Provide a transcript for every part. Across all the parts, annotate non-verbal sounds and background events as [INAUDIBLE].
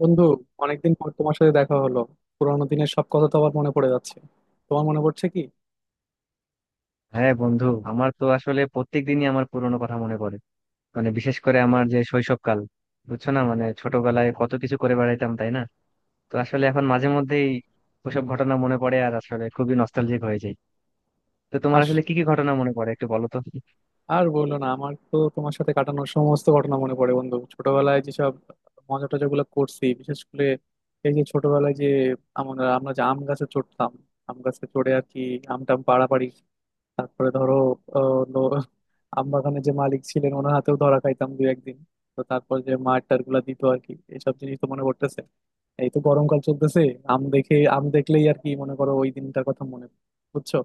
বন্ধু, অনেকদিন পর তোমার সাথে দেখা হলো। পুরানো দিনের সব কথা তো আবার মনে পড়ে যাচ্ছে। তোমার মনে পড়ছে কি? হ্যাঁ বন্ধু, আমার তো আসলে প্রত্যেক দিনই আমার পুরোনো কথা মনে পড়ে। মানে বিশেষ করে আমার যে শৈশবকাল, বুঝছো না, মানে ছোটবেলায় কত কিছু করে বেড়াইতাম, তাই না? তো আসলে এখন মাঝে মধ্যেই ওসব ঘটনা মনে পড়ে আর আসলে খুবই নস্টালজিক হয়ে যায়। তো তোমার আস আসলে কি কি ঘটনা মনে পড়ে একটু বলো তো। আর বললো না, আমার তো তোমার সাথে কাটানোর সমস্ত ঘটনা মনে পড়ে বন্ধু। ছোটবেলায় যেসব মজা টজা গুলো করছি, বিশেষ করে এই যে ছোটবেলায় যে আমরা আমরা যে আম গাছে চড়তাম, আম গাছে চড়ে আর কি আম টাম পাড়াপাড়ি। তারপরে ধরো, আহ, লো- আমবাগানে যে মালিক ছিলেন ওনার হাতেও ধরা খাইতাম দু একদিন। তো তারপর যে মার টার গুলা দিত আর কি, এসব জিনিস তো মনে পড়তেছে। এই তো গরমকাল চলতেছে, আম দেখে আম দেখলেই আর কি, মনে করো ওই দিনটার কথা মনে পড়ে। বুঝছো?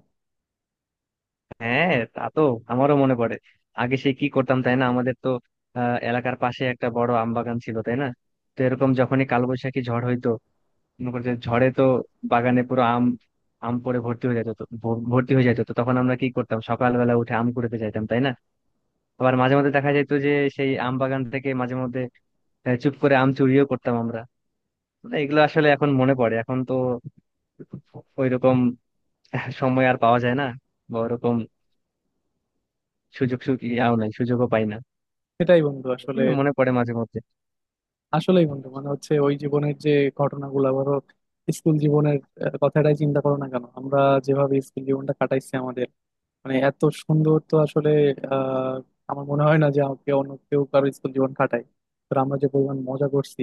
হ্যাঁ, তা তো আমারও মনে পড়ে। আগে সে কি করতাম, তাই না? আমাদের তো এলাকার পাশে একটা বড় আম বাগান ছিল, তাই না। তো এরকম যখনই কালবৈশাখী ঝড় হইতো, মনে করো যে ঝড়ে তো বাগানে পুরো আম আম পড়ে ভর্তি হয়ে যেত, তো ভর্তি হয়ে যেত, তো তখন আমরা কি করতাম? সকালবেলা উঠে আম কুড়াতে যাইতাম, তাই না। আবার মাঝে মধ্যে দেখা যেত যে সেই আম বাগান থেকে মাঝে মধ্যে চুপ করে আম চুরিও করতাম আমরা। মানে এগুলো আসলে এখন মনে পড়ে, এখন তো ওইরকম সময় আর পাওয়া যায় না, বা ওরকম সুযোগ ইয়াও নাই, সুযোগও পাই না। সেটাই বন্ধু, আসলে এগুলো মনে পড়ে মাঝে মধ্যে। আসলেই বন্ধু, মানে হচ্ছে ওই জীবনের যে ঘটনাগুলো ধরো, স্কুল জীবনের কথাটাই চিন্তা করো না কেন, আমরা যেভাবে স্কুল জীবনটা কাটাইছি আমাদের, মানে এত সুন্দর তো আসলে আহ আমার মনে হয় না যে আমাকে অন্য কেউ কারো স্কুল জীবন কাটায়। তো আমরা যে পরিমাণ মজা করছি,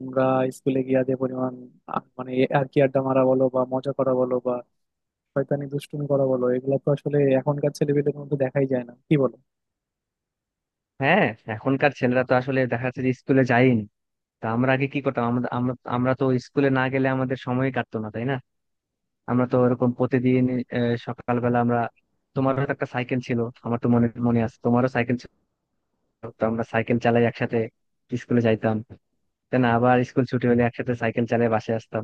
আমরা স্কুলে গিয়া যে পরিমাণ মানে আর কি আড্ডা মারা বলো বা মজা করা বলো বা শয়তানি দুষ্টুমি করা বলো, এগুলো তো আসলে এখনকার ছেলেপেলের মধ্যে দেখাই যায় না। কি বলো? হ্যাঁ, এখনকার ছেলেরা তো আসলে দেখা যাচ্ছে যে স্কুলে যায়ই না। তা আমরা আগে কি করতাম? আমরা আমরা আমরা তো স্কুলে না গেলে আমাদের সময় কাটতো না, তাই না। আমরা তো এরকম প্রতিদিন সকালবেলা আমরা, তোমারও তো একটা সাইকেল ছিল, আমার তো মনে মনে আছে তোমারও সাইকেল ছিল। তো আমরা সাইকেল চালাই একসাথে স্কুলে যাইতাম, তাই না। আবার স্কুল ছুটি হলে একসাথে সাইকেল চালিয়ে বাসায় আসতাম।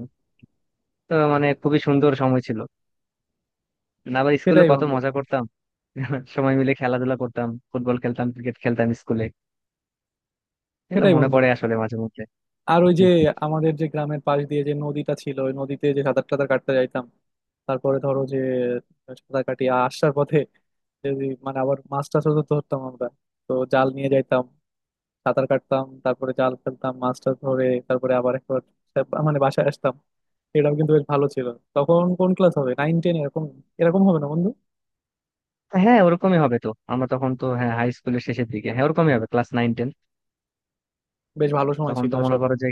তো মানে খুবই সুন্দর সময় ছিল। না, আবার স্কুলে সেটাই কত বন্ধু। মজা করতাম। [LAUGHS] সময় মিলে খেলাধুলা করতাম, ফুটবল খেলতাম, ক্রিকেট খেলতাম স্কুলে। এগুলো সেটাই মনে বন্ধু। পড়ে আসলে মাঝে মধ্যে। আর ওই যে আমাদের যে গ্রামের পাশ দিয়ে যে নদীটা ছিল, ওই নদীতে যে সাঁতার টাতার কাটতে যাইতাম। তারপরে ধরো যে সাঁতার কাটিয়ে আসার পথে যদি মানে আবার মাছ টাছও তো ধরতাম আমরা। তো জাল নিয়ে যাইতাম, সাঁতার কাটতাম, তারপরে জাল ফেলতাম মাছ টাছ ধরে, তারপরে আবার একবার মানে বাসায় আসতাম। এটাও কিন্তু বেশ ভালো ছিল। তখন কোন ক্লাস হবে, 9-10 এরকম এরকম হবে না বন্ধু? হ্যাঁ ওরকমই হবে, তো আমরা তখন তো হ্যাঁ হাই স্কুলের শেষের দিকে, হ্যাঁ ওরকমই হবে, ক্লাস 9-10। বেশ ভালো সময় তখন ছিল তো মনে আসলে। করো যে,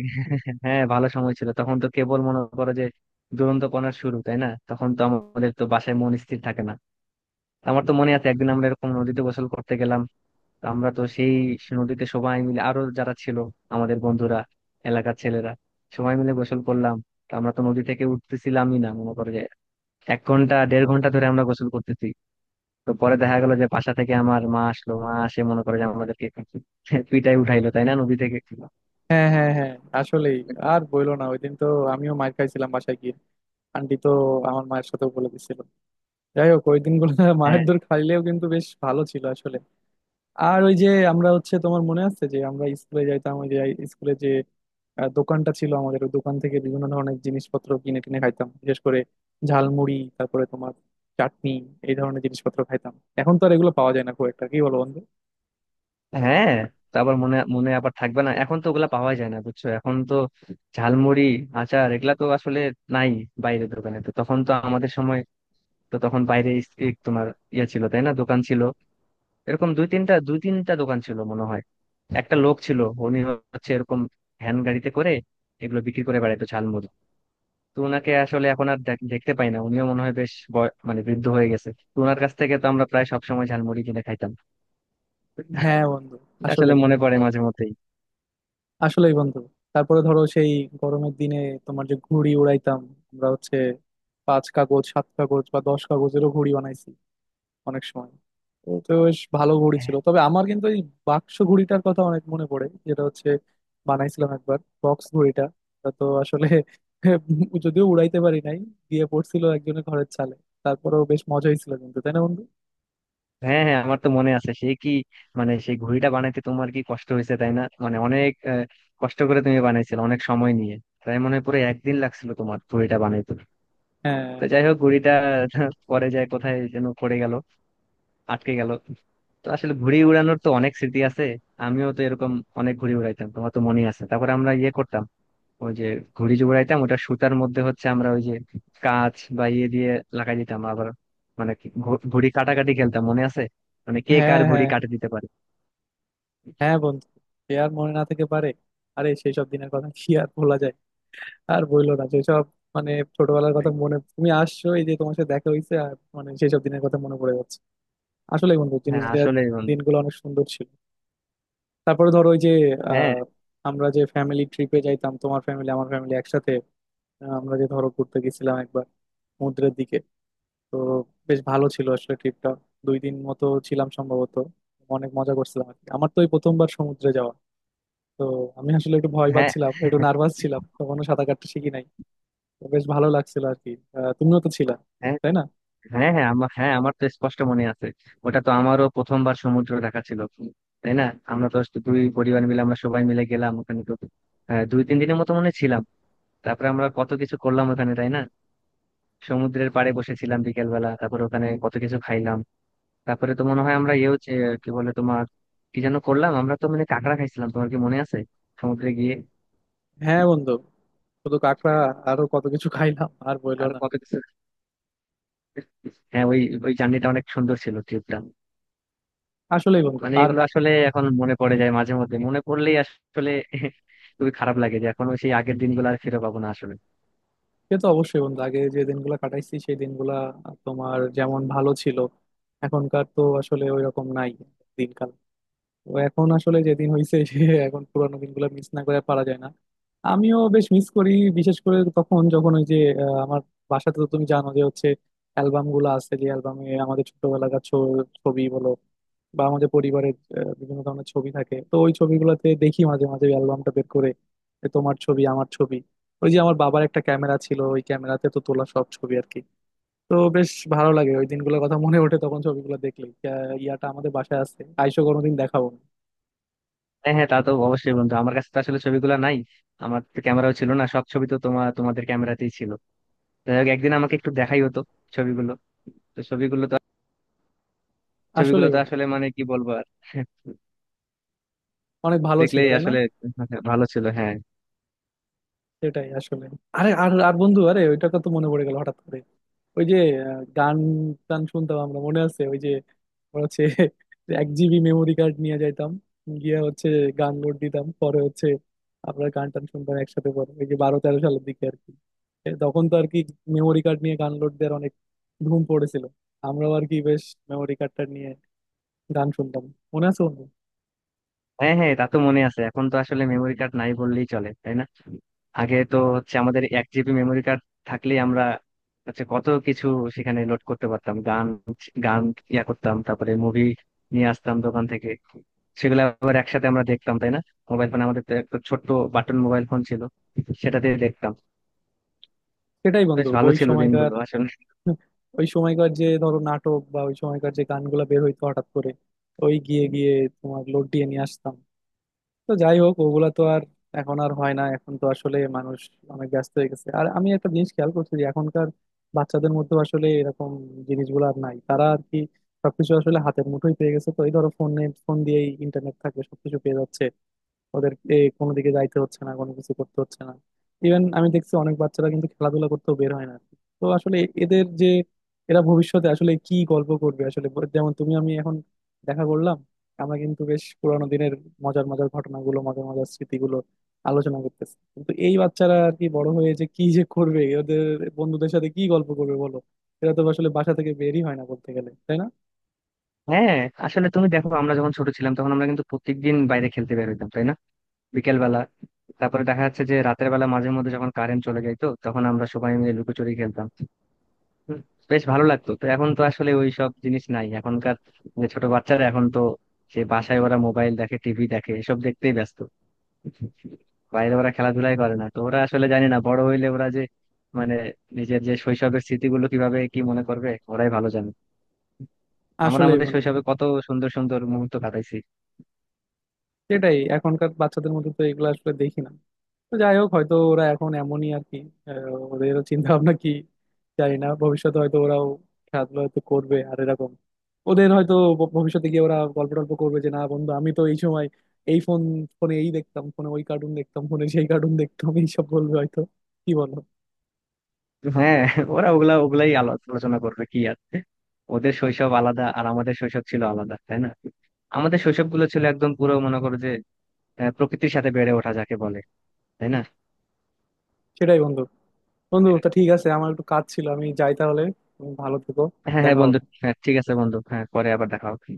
হ্যাঁ ভালো সময় ছিল, তখন তো কেবল মনে করো যে দুরন্তপনার শুরু, তাই না। তখন তো আমাদের তো বাসায় মন স্থির থাকে না। আমার তো মনে আছে একদিন আমরা এরকম নদীতে গোসল করতে গেলাম। তো আমরা তো সেই নদীতে সবাই মিলে, আরো যারা ছিল আমাদের বন্ধুরা, এলাকার ছেলেরা, সবাই মিলে গোসল করলাম। তো আমরা তো নদী থেকে উঠতেছিলামই না, মনে করো যে 1 ঘন্টা 1.5 ঘন্টা ধরে আমরা গোসল করতেছি। তো পরে দেখা গেল যে বাসা থেকে আমার মা আসলো, মা আসে মনে করে যে আমাদেরকে পিটাই উঠাইলো, তাই না, নদী থেকে। হ্যাঁ হ্যাঁ হ্যাঁ, আসলেই। আর বইলো না, ওই দিন তো আমিও মার খাইছিলাম বাসায় গিয়ে। আন্টি তো আমার মায়ের সাথেও বলে দিছিল। যাই হোক, ওই দিনগুলো [LAUGHS] মায়ের হ্যাঁ, দৌড় খাইলেও কিন্তু বেশ ভালো ছিল আসলে। আর ওই যে আমরা হচ্ছে, তোমার মনে আছে যে আমরা স্কুলে যাইতাম, ওই যে স্কুলে যে দোকানটা ছিল আমাদের, ওই দোকান থেকে বিভিন্ন ধরনের জিনিসপত্র কিনে কিনে খাইতাম, বিশেষ করে ঝালমুড়ি, তারপরে তোমার চাটনি, এই ধরনের জিনিসপত্র খাইতাম। এখন তো আর এগুলো পাওয়া যায় না খুব একটা, কি বলো বন্ধু? হ্যাঁ। তা আবার মনে মনে আবার থাকবে না, এখন তো ওগুলা পাওয়া যায় না, বুঝছো। এখন তো ঝালমুড়ি, আচার, এগুলা তো আসলে নাই। বাইরের দোকানে তো তখন তো আমাদের সময়, তো তখন বাইরে ইস- ই তোমার ইয়ে ছিল, তাই না, দোকান ছিল। এরকম দুই তিনটা দোকান ছিল মনে হয়। একটা লোক ছিল, উনি হচ্ছে এরকম ভ্যান গাড়িতে করে এগুলো বিক্রি করে বেড়াইতো, ঝালমুড়ি। তো ওনাকে আসলে এখন আর দেখতে পাই না, উনিও মনে হয় বেশ মানে বৃদ্ধ হয়ে গেছে। তো ওনার কাছ থেকে তো আমরা প্রায় সবসময় ঝালমুড়ি কিনে খাইতাম। হ্যাঁ বন্ধু, এটা আসলে আসলেই। মনে পড়ে মাঝে মধ্যেই। আসলেই বন্ধু, তারপরে ধরো সেই গরমের দিনে তোমার যে ঘুড়ি উড়াইতাম আমরা, হচ্ছে 5 কাগজ 7 কাগজ বা 10 কাগজেরও ঘুড়ি বানাইছি অনেক সময়। তো তো বেশ ভালো ঘুড়ি ছিল, তবে আমার কিন্তু এই বাক্স ঘুড়িটার কথা অনেক মনে পড়ে, যেটা হচ্ছে বানাইছিলাম একবার বক্স ঘুড়িটা। তা তো আসলে [LAUGHS] যদিও উড়াইতে পারি নাই, দিয়ে পড়ছিল একজনের ঘরের চালে। তারপরেও বেশ মজা হয়েছিল কিন্তু, তাই না বন্ধু? হ্যাঁ, হ্যাঁ, আমার তো মনে আছে সেই কি, মানে সেই ঘুড়িটা বানাইতে তোমার কি কষ্ট হয়েছে, তাই না, মানে অনেক কষ্ট করে তুমি বানাইছিলে, অনেক সময় নিয়ে। তাই মনে হয় পুরো একদিন লাগছিল তোমার ঘুড়িটা বানাইতে। হ্যাঁ তো যাই হোক, ঘুড়িটা [LAUGHS] পরে যায় কোথায় যেন পড়ে গেল, আটকে গেল। তো আসলে ঘুড়ি উড়ানোর তো অনেক স্মৃতি আছে। আমিও তো এরকম অনেক ঘুড়ি উড়াইতাম, তোমার তো মনে আছে। তারপর আমরা ইয়ে করতাম, ওই যে ঘুড়ি জোড়াইতাম, ওটা সুতার মধ্যে হচ্ছে আমরা ওই যে কাঁচ বা ইয়ে দিয়ে লাগাই দিতাম আবার, মানে কি ঘুড়ি কাটাকাটি খেলতাম, মনে আছে, মানে কে হ্যাঁ কার ঘুড়ি হ্যাঁ। কাটে দিতে পারে। হ্যাঁ বন্ধু, সে আর মনে না থেকে পারে? আরে সেই সব দিনের কথা কি আর ভোলা যায়? আর বইলো না সেসব, মানে ছোটবেলার কথা মনে, তুমি আসছো এই যে তোমার সাথে দেখা হয়েছে, আর মানে সেসব দিনের কথা মনে পড়ে যাচ্ছে। আসলে বন্ধু, হ্যাঁ, জিনিসটা আসলে বন্ধু, দিনগুলো অনেক সুন্দর ছিল। তারপরে ধরো ওই যে হ্যাঁ, আহ, আমরা যে ফ্যামিলি ট্রিপে যাইতাম তোমার ফ্যামিলি আমার ফ্যামিলি একসাথে, আমরা যে ধরো ঘুরতে গেছিলাম একবার সমুদ্রের দিকে। তো বেশ ভালো ছিল আসলে ট্রিপটা। 2 দিন মতো ছিলাম সম্ভবত, অনেক মজা করছিলাম আর কি। আমার তো এই প্রথমবার সমুদ্রে যাওয়া, তো আমি আসলে একটু ভয় হ্যাঁ, পাচ্ছিলাম, একটু নার্ভাস ছিলাম, তখনও সাঁতার কাটতে শিখি নাই। তো বেশ ভালো লাগছিল আর কি। তুমিও তো ছিলা, হ্যাঁ। তাই না? হ্যাঁ, হ্যাঁ, আমার, হ্যাঁ, আমার তো স্পষ্ট মনে আছে। ওটা তো আমারও প্রথমবার সমুদ্র দেখা ছিল, তাই না। আমরা তো দুই পরিবার মিলে আমরা সবাই মিলে গেলাম ওখানে। তো হ্যাঁ, 2-3 দিনের মতো মনে হয় ছিলাম। তারপরে আমরা কত কিছু করলাম ওখানে, তাই না। সমুদ্রের পাড়ে বসেছিলাম বিকেল বেলা, তারপর ওখানে কত কিছু খাইলাম। তারপরে তো মনে হয় আমরা ইয়েও কি বলে তোমার, কি যেন করলাম আমরা, তো মানে কাঁকড়া খাইছিলাম, তোমার কি মনে আছে, সমুদ্রে গিয়ে। হ্যাঁ বন্ধু, শুধু কাঁকড়া আরো কত কিছু খাইলাম, আর বইলো আর না। কত কিছু, হ্যাঁ। ওই, ওই জার্নিটা অনেক সুন্দর ছিল, ট্রিপটা। আসলেই বন্ধু। মানে আর এগুলো আসলে এখন মনে পড়ে যায় মাঝে মধ্যে। মনে পড়লেই আসলে [LAUGHS] খুবই খারাপ লাগে যে এখন সেই আগের দিনগুলো আর ফিরে পাবো না আসলে। সে তো অবশ্যই বন্ধু, আগে যে দিনগুলো কাটাইছি সেই দিনগুলা তোমার যেমন ভালো ছিল, এখনকার তো আসলে ওই রকম নাই দিনকাল। তো এখন আসলে যেদিন হয়েছে সে, এখন পুরানো দিনগুলো মিস না করে আর পারা যায় না। আমিও বেশ মিস করি, বিশেষ করে তখন যখন ওই যে আমার বাসাতে তো তুমি জানো যে হচ্ছে অ্যালবাম গুলো আছে, যে অ্যালবামে আমাদের ছোটবেলাকার ছবি বলো বা আমাদের পরিবারের বিভিন্ন ধরনের ছবি থাকে। তো ওই ছবিগুলোতে দেখি মাঝে মাঝে অ্যালবামটা বের করে যে তোমার ছবি আমার ছবি। ওই যে আমার বাবার একটা ক্যামেরা ছিল, ওই ক্যামেরাতে তো তোলা সব ছবি আর কি। তো বেশ ভালো লাগে ওই দিনগুলোর কথা মনে ওঠে তখন ছবিগুলো দেখলে। ইয়াটা আমাদের বাসায় আছে, আইসো কোনোদিন দেখাবো। হ্যাঁ, হ্যাঁ, তা তো অবশ্যই বন্ধু। আমার কাছে তো আসলে ছবিগুলো নাই, আমার তো ক্যামেরাও ছিল না, সব ছবি তো তোমার, তোমাদের ক্যামেরাতেই ছিল। যাই হোক, একদিন আমাকে একটু দেখাই হতো ছবিগুলো তো ছবিগুলো তো আসলে ছবিগুলো তো বন্ধু, আসলে মানে কি বলবো আর, [LAUGHS] অনেক ভালো ছিল দেখলেই তাই না? আসলে ভালো ছিল, হ্যাঁ। সেটাই আসলে। আরে আর আর বন্ধু, আরে ওইটা তো মনে পড়ে গেল হঠাৎ করে, ওই যে গান টান শুনতাম আমরা, মনে আছে? ওই যে আমরা হচ্ছে [LAUGHS] 1 জিবি মেমোরি কার্ড নিয়ে যাইতাম, গিয়ে হচ্ছে গান লোড দিতাম, পরে হচ্ছে আমরা গান টান শুনতাম একসাথে। পরে ওই যে '12-'13 সালের দিকে আর কি, তখন তো আর কি মেমোরি কার্ড নিয়ে গান লোড দেওয়ার অনেক ধুম পড়েছিল। আমরাও আর কি বেশ মেমোরি কার্ডটা নিয়ে গান শুনতাম, মনে আছে বন্ধু? হ্যাঁ, হ্যাঁ, তা তো মনে আছে। এখন তো আসলে মেমোরি কার্ড নাই বললেই চলে, তাই না। আগে তো হচ্ছে আমাদের 1 জিবি মেমোরি কার্ড থাকলেই আমরা হচ্ছে কত কিছু সেখানে লোড করতে পারতাম, গান গান ইয়া করতাম। তারপরে মুভি নিয়ে আসতাম দোকান থেকে, সেগুলো আবার একসাথে আমরা দেখতাম, তাই না। মোবাইল ফোন আমাদের তো একটা ছোট্ট বাটন মোবাইল ফোন ছিল, সেটাতে দেখতাম। সেটাই বন্ধু, বেশ ভালো ওই ছিল সময়কার, দিনগুলো আসলে। ওই সময়কার যে ধরো নাটক বা ওই সময়কার যে গানগুলা বের হইতো হঠাৎ করে, ওই গিয়ে গিয়ে তোমার লোড দিয়ে নিয়ে আসতাম। তো যাই হোক ওগুলা তো আর এখন আর হয় না। এখন তো আসলে মানুষ অনেক ব্যস্ত হয়ে গেছে। আর আমি একটা জিনিস খেয়াল করছি যে এখনকার বাচ্চাদের মধ্যে আসলে এরকম জিনিসগুলো আর নাই। তারা আর কি সবকিছু আসলে হাতের মুঠোয় পেয়ে গেছে, তো এই ধরো ফোনে ফোন দিয়েই ইন্টারনেট থাকে, সবকিছু পেয়ে যাচ্ছে। ওদের এ কোনো দিকে যাইতে হচ্ছে না, কোনো কিছু করতে হচ্ছে না। ইভেন আমি দেখছি অনেক বাচ্চারা কিন্তু খেলাধুলা করতেও বের হয় না। তো আসলে এদের যে, এরা ভবিষ্যতে আসলে কি গল্প করবে আসলে, যেমন তুমি আমি এখন দেখা করলাম, আমরা কিন্তু বেশ পুরানো দিনের মজার মজার ঘটনাগুলো, মজার মজার স্মৃতিগুলো আলোচনা করতেছি, কিন্তু এই বাচ্চারা আর কি বড় হয়ে যে কি যে করবে, ওদের বন্ধুদের সাথে কি গল্প করবে বলো? এরা তো আসলে বাসা থেকে বেরই হয় না বলতে গেলে, তাই না? হ্যাঁ, আসলে তুমি দেখো আমরা যখন ছোট ছিলাম তখন আমরা কিন্তু প্রত্যেকদিন বাইরে খেলতে বের হইতাম, তাই না, বিকেল বেলা। তারপরে দেখা যাচ্ছে যে রাতের বেলা মাঝে মধ্যে যখন কারেন্ট চলে যেত তখন আমরা সবাই মিলে লুকোচুরি খেলতাম। হুম, বেশ ভালো লাগতো। তো এখন তো আসলে ওই সব জিনিস নাই, এখনকার যে ছোট বাচ্চারা, এখন তো সে বাসায় ওরা মোবাইল দেখে, টিভি দেখে, এসব দেখতেই ব্যস্ত। বাইরে ওরা খেলাধুলাই করে না। তো ওরা আসলে, জানি না, বড় হইলে ওরা যে মানে নিজের যে শৈশবের স্মৃতিগুলো কিভাবে কি মনে করবে ওরাই ভালো জানে। আমরা আসলেই আমাদের বন্ধু। শৈশবে কত সুন্দর সুন্দর মুহূর্ত কাটাইছি। সেটাই, এখনকার বাচ্চাদের মধ্যে তো এগুলো আসলে দেখি না। তো যাই হোক হয়তো ওরা এখন এমনই আর কি। আহ, ওদের চিন্তা ভাবনা কি জানি না, ভবিষ্যতে হয়তো ওরাও খেলাধুলা হয়তো করবে আর এরকম ওদের হয়তো ভবিষ্যতে গিয়ে ওরা গল্প টল্প করবে যে না বন্ধু, আমি তো এই সময় এই ফোন, ফোনে এই দেখতাম, ফোনে ওই কার্টুন দেখতাম, ফোনে সেই কার্টুন দেখতাম, এইসব বলবে হয়তো। কি বলো? হ্যাঁ, ওরা ওগুলাই আলোচনা করবে, কি আর। ওদের শৈশব আলাদা আর আমাদের শৈশব ছিল আলাদা, তাই না। আমাদের শৈশব গুলো ছিল একদম পুরো, মনে করো যে, প্রকৃতির সাথে বেড়ে ওঠা যাকে বলে, তাই না। সেটাই বন্ধু। বন্ধু তা ঠিক আছে, আমার একটু কাজ ছিল, আমি যাই তাহলে। তুমি ভালো থেকো, হ্যাঁ, হ্যাঁ দেখা বন্ধু। হবে। হ্যাঁ, ঠিক আছে বন্ধু, হ্যাঁ, পরে আবার দেখা হবে।